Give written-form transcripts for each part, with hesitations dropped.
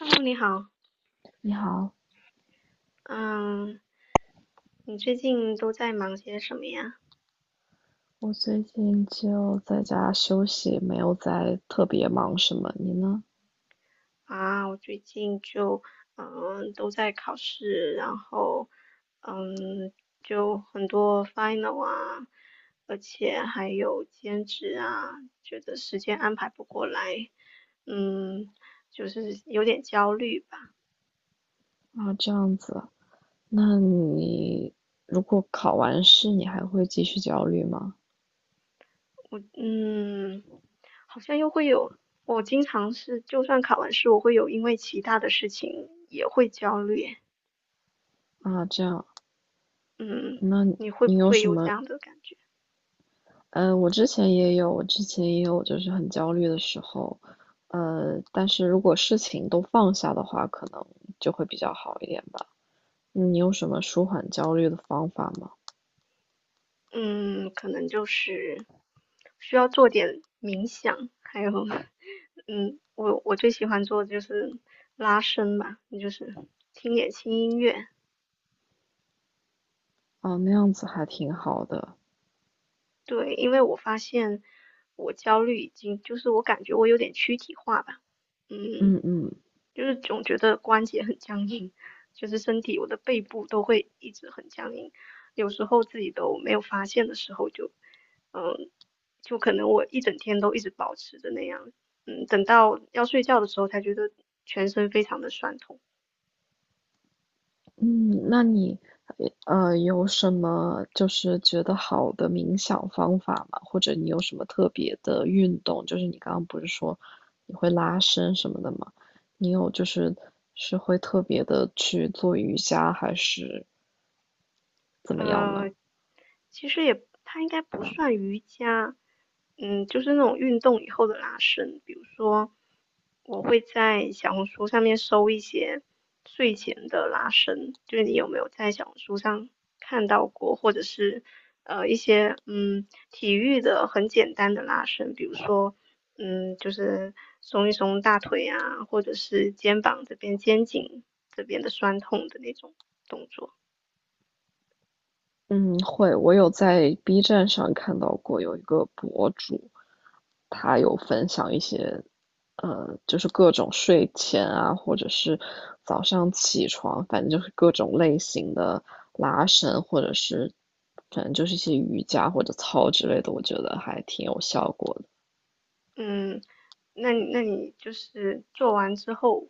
h e 你好，你好，嗯，你最近都在忙些什么呀？我最近就在家休息，没有在特别忙什么。你呢？啊，我最近就都在考试，然后嗯就很多 final 啊，而且还有兼职啊，觉得时间安排不过来，嗯，就是有点焦虑吧。啊，这样子啊。那你如果考完试，你还会继续焦虑吗？嗯，好像又会有，我经常是就算考完试，我会有因为其他的事情也会焦虑。啊，这样。嗯，那你会你不有会什有这么？样的感觉？我之前也有，就是很焦虑的时候。但是如果事情都放下的话，可能就会比较好一点吧。你有什么舒缓焦虑的方法吗？嗯，可能就是需要做点冥想，还有，我最喜欢做的就是拉伸吧，就是听点轻音乐。啊，那样子还挺好的。对，因为我发现我焦虑已经，就是我感觉我有点躯体化吧。嗯，嗯嗯。就是总觉得关节很僵硬，就是身体我的背部都会一直很僵硬，有时候自己都没有发现的时候就，嗯，就可能我一整天都一直保持着那样，嗯，等到要睡觉的时候才觉得全身非常的酸痛。嗯，那你有什么就是觉得好的冥想方法吗？或者你有什么特别的运动？就是你刚刚不是说你会拉伸什么的吗？你有就是是会特别的去做瑜伽还是怎么样呢？呃，其实也它应该不算瑜伽。嗯，就是那种运动以后的拉伸。比如说，我会在小红书上面搜一些睡前的拉伸，就是你有没有在小红书上看到过，或者是一些体育的很简单的拉伸，比如说就是松一松大腿啊，或者是肩膀这边、肩颈这边的酸痛的那种动作。嗯，会，我有在 B 站上看到过有一个博主，他有分享一些，就是各种睡前啊，或者是早上起床，反正就是各种类型的拉伸，或者是反正就是一些瑜伽或者操之类的，我觉得还挺有效果的。嗯，那你就是做完之后，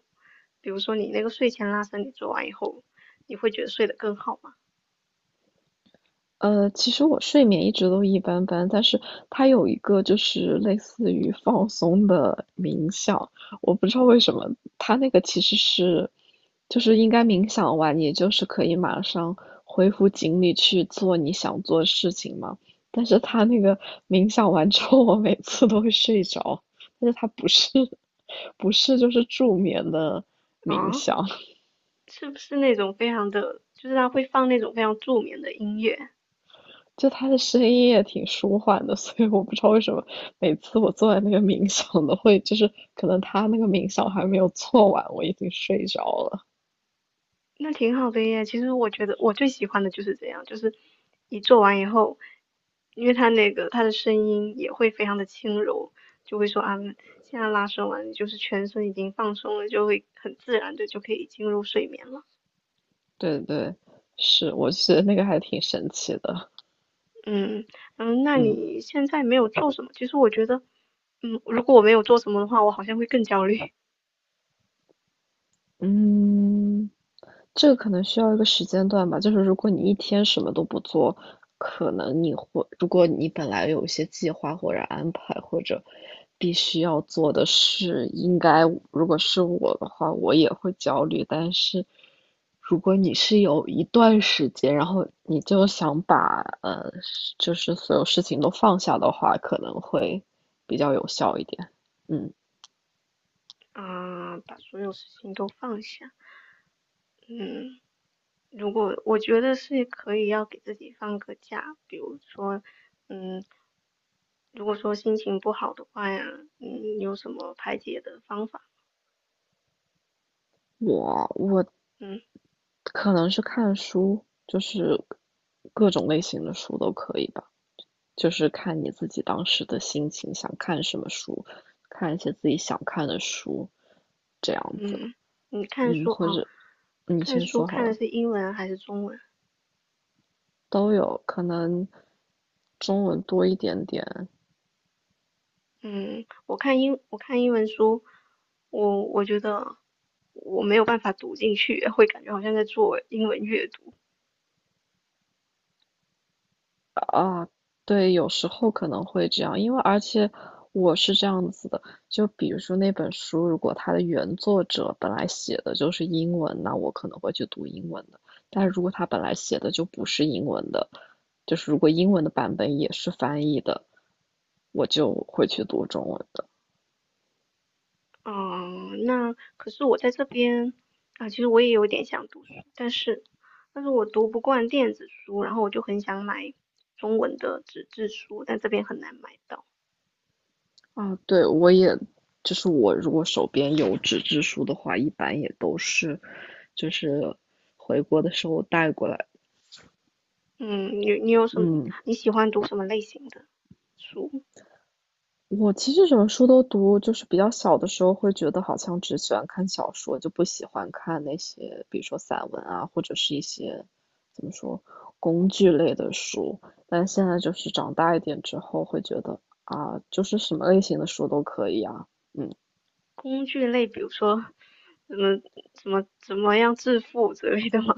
比如说你那个睡前拉伸，你做完以后，你会觉得睡得更好吗？其实我睡眠一直都一般般，但是它有一个就是类似于放松的冥想，我不知道为什么它那个其实是，就是应该冥想完，你就是可以马上恢复精力去做你想做的事情嘛。但是它那个冥想完之后，我每次都会睡着，但是它不是 不是就是助眠的冥啊，想。是不是那种非常的，就是他会放那种非常助眠的音乐？就他的声音也挺舒缓的，所以我不知道为什么每次我坐在那个冥想的会，就是可能他那个冥想还没有做完，我已经睡着了。那挺好的耶。其实我觉得我最喜欢的就是这样，就是你做完以后，因为他那个他的声音也会非常的轻柔，就会说啊，现在拉伸完，就是全身已经放松了，就会很自然的就可以进入睡眠了。对对，是，我觉得那个还挺神奇的。嗯。嗯，那嗯你现在没有做什么？其实我觉得，嗯，如果我没有做什么的话，我好像会更焦虑。嗯。这个可能需要一个时间段吧，就是如果你一天什么都不做，可能你会，如果你本来有一些计划或者安排或者必须要做的事，应该如果是我的话，我也会焦虑。但是如果你是有一段时间，然后你就想把就是所有事情都放下的话，可能会比较有效一点。嗯，啊，把所有事情都放下。嗯，如果我觉得是可以要给自己放个假，比如说，嗯，如果说心情不好的话呀，嗯，有什么排解的方法？我嗯。可能是看书，就是各种类型的书都可以吧，就是看你自己当时的心情，想看什么书，看一些自己想看的书，这样子。嗯，你看嗯，书或啊，者你看先书说好看的了，是英文还是中文？都有，可能中文多一点点，嗯，我看英文书，我觉得我没有办法读进去，会感觉好像在做英文阅读。啊，对，有时候可能会这样，因为而且我是这样子的，就比如说那本书，如果它的原作者本来写的就是英文，那我可能会去读英文的。但是如果他本来写的就不是英文的，就是如果英文的版本也是翻译的，我就会去读中文的。嗯，那可是我在这边啊，其实我也有点想读书，但是我读不惯电子书，然后我就很想买中文的纸质书，但这边很难买到。啊，对，我也，就是我如果手边有纸质书的话，一般也都是，就是回国的时候带过来。嗯，你有什么嗯。你喜欢读什么类型的书？我其实什么书都读，就是比较小的时候会觉得好像只喜欢看小说，就不喜欢看那些，比如说散文啊，或者是一些怎么说工具类的书。但现在就是长大一点之后，会觉得啊，就是什么类型的书都可以啊，嗯，工具类，比如说什么什么怎么样致富之类的吗？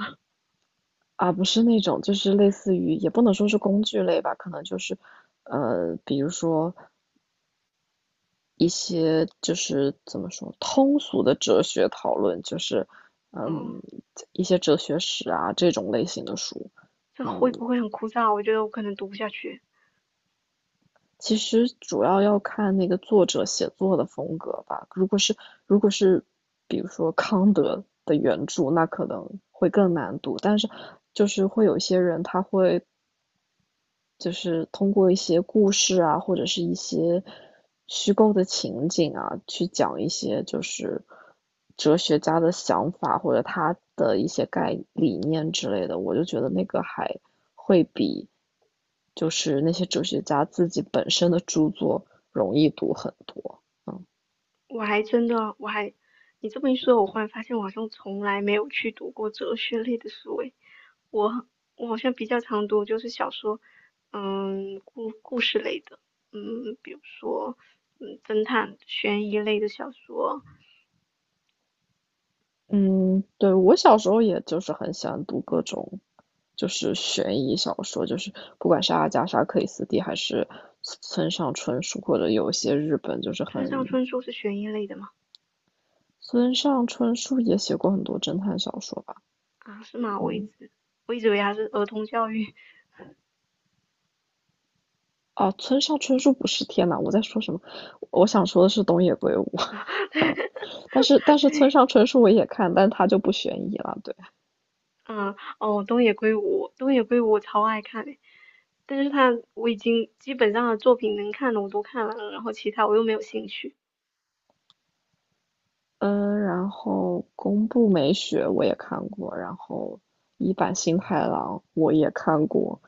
啊，不是那种就是类似于也不能说是工具类吧，可能就是比如说一些就是怎么说通俗的哲学讨论，就是 哦。嗯一些哲学史啊这种类型的书。这嗯，会不会很枯燥？我觉得我可能读不下去。其实主要要看那个作者写作的风格吧。如果是比如说康德的原著，那可能会更难读。但是就是会有一些人他会就是通过一些故事啊，或者是一些虚构的情景啊，去讲一些就是哲学家的想法或者他的一些概理念之类的，我就觉得那个还会比就是那些哲学家自己本身的著作容易读很多。嗯。我还真的，我还，你这么一说，我忽然发现我好像从来没有去读过哲学类的书诶。我我好像比较常读就是小说，嗯，故事类的，嗯，比如说，嗯，侦探、悬疑类的小说。嗯，对，我小时候也就是很喜欢读各种，就是悬疑小说，就是不管是阿加莎·克里斯蒂还是村上春树，或者有一些日本就是村上很，春树是悬疑类的吗？村上春树也写过很多侦探小说吧，啊，是吗？我一嗯，直我一直以为他是儿童教育。啊，村上春树不是，天呐，我在说什么？我想说的是东野圭吾，但是村对，上春树我也看，但他就不悬疑了，对。嗯，哦，东野圭吾，东野圭吾我超爱看的。但是他我已经基本上的作品能看的我都看完了，然后其他我又没有兴趣。嗯，然后宫部美雪我也看过，然后一坂幸太郎我也看过，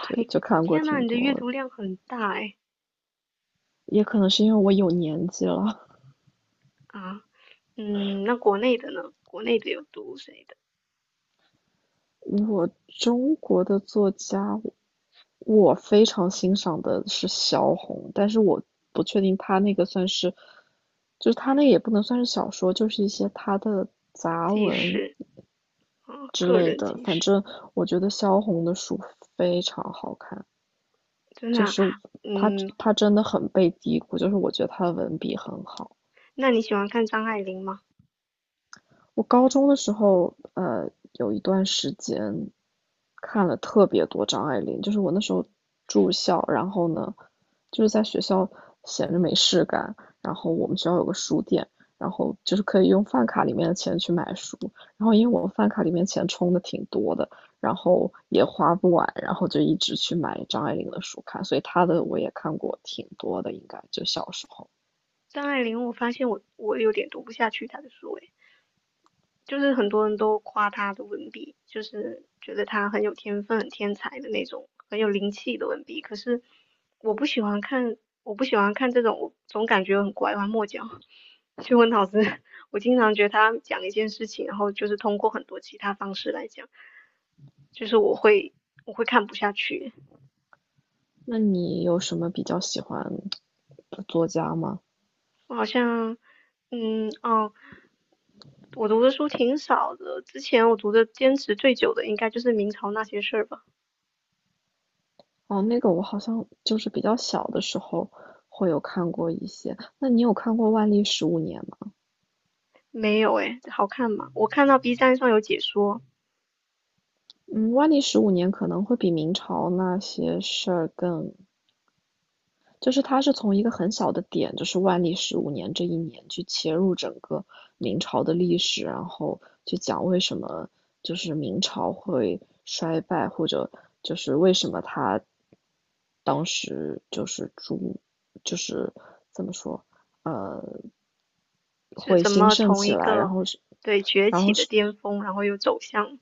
对，就你看过天呐，挺你的阅多，读量很大哎。也可能是因为我有年纪了。啊，嗯，那国内的呢？国内的有读谁的？我中国的作家，我非常欣赏的是萧红，但是我不确定他那个算是，就是他那也不能算是小说，就是一些他的杂纪文实啊，之个类人的。纪反实，正我觉得萧红的书非常好看。真的就啊、是他嗯，他真的很被低估，就是我觉得他的文笔很好。那你喜欢看张爱玲吗？我高中的时候，有一段时间看了特别多张爱玲，就是我那时候住校，然后呢，就是在学校闲着没事干，然后我们学校有个书店，然后就是可以用饭卡里面的钱去买书，然后因为我们饭卡里面钱充的挺多的，然后也花不完，然后就一直去买张爱玲的书看，所以她的我也看过挺多的，应该就小时候。张爱玲，我发现我有点读不下去她的书诶。就是很多人都夸他的文笔，就是觉得他很有天分、很天才的那种，很有灵气的文笔。可是我不喜欢看，我不喜欢看这种，我总感觉很拐弯抹角。去问老师，我经常觉得他讲一件事情，然后就是通过很多其他方式来讲，就是我会看不下去。那你有什么比较喜欢的作家吗？我好像，嗯，哦，我读的书挺少的，之前我读的坚持最久的应该就是明朝那些事儿吧。哦，那个我好像就是比较小的时候会有看过一些。那你有看过万历十五年吗？没有诶，好看吗？我看到 B 站上有解说。嗯，万历十五年可能会比明朝那些事儿更就是它是从一个很小的点，就是万历十五年这一年去切入整个明朝的历史，然后去讲为什么就是明朝会衰败，或者就是为什么它当时就是朱就是怎么说呃是会怎兴么盛从起一来，然个后是对崛起的巅峰，然后又走向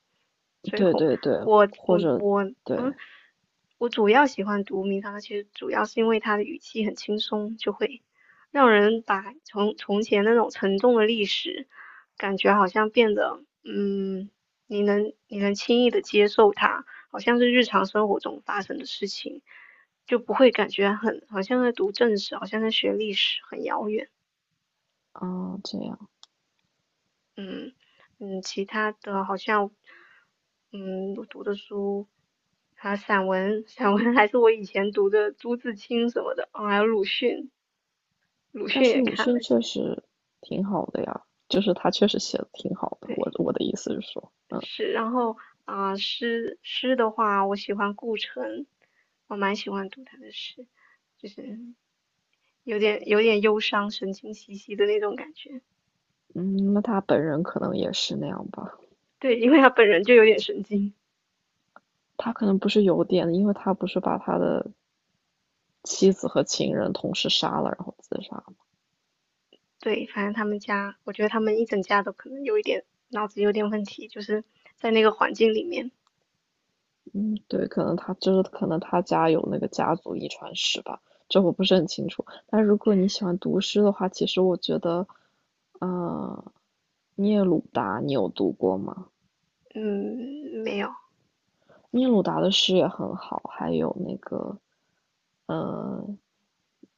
最对后。对对，我或我者我，对。嗯，我主要喜欢读明堂，其实主要是因为它的语气很轻松，就会让人把从前那种沉重的历史，感觉好像变得，嗯，你能轻易的接受它，好像是日常生活中发生的事情，就不会感觉很好像在读正史，好像在学历史，很遥远。啊这样。嗯。嗯，其他的好像嗯我读的书，还有散文，散文还是我以前读的朱自清什么的，哦，还有鲁迅，鲁但迅也是鲁看了迅确些，实挺好的呀，就是他确实写的挺好的。我对，我的意思是说，是，然后啊、诗的话，我喜欢顾城，我蛮喜欢读他的诗，就是有点忧伤、神经兮兮的那种感觉，嗯，那他本人可能也是那样吧。对，因为他本人就有点神经。他可能不是有点，因为他不是把他的妻子和情人同时杀了，然后自杀。对，反正他们家，我觉得他们一整家都可能有一点脑子有点问题，就是在那个环境里面，嗯，对，可能他就是可能他家有那个家族遗传史吧，这我不是很清楚。但如果你喜欢读诗的话，其实我觉得，呃，聂鲁达你有读过吗？嗯，没有。聂鲁达的诗也很好，还有那个，呃，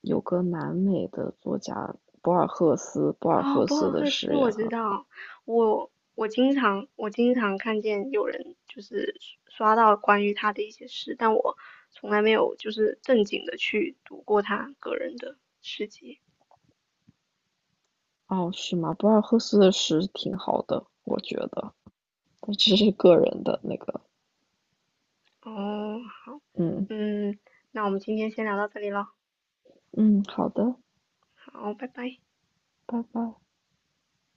有个南美的作家博尔赫斯，博尔哦，赫博斯尔的赫兹诗也我知很好。道，我经常看见有人就是刷到关于他的一些事，但我从来没有就是正经的去读过他个人的诗集。哦，是吗？博尔赫斯的诗挺好的，我觉得，但这是个人的那个，哦，好，嗯嗯，那我们今天先聊到这里了，嗯，好的，好，拜拜。拜拜。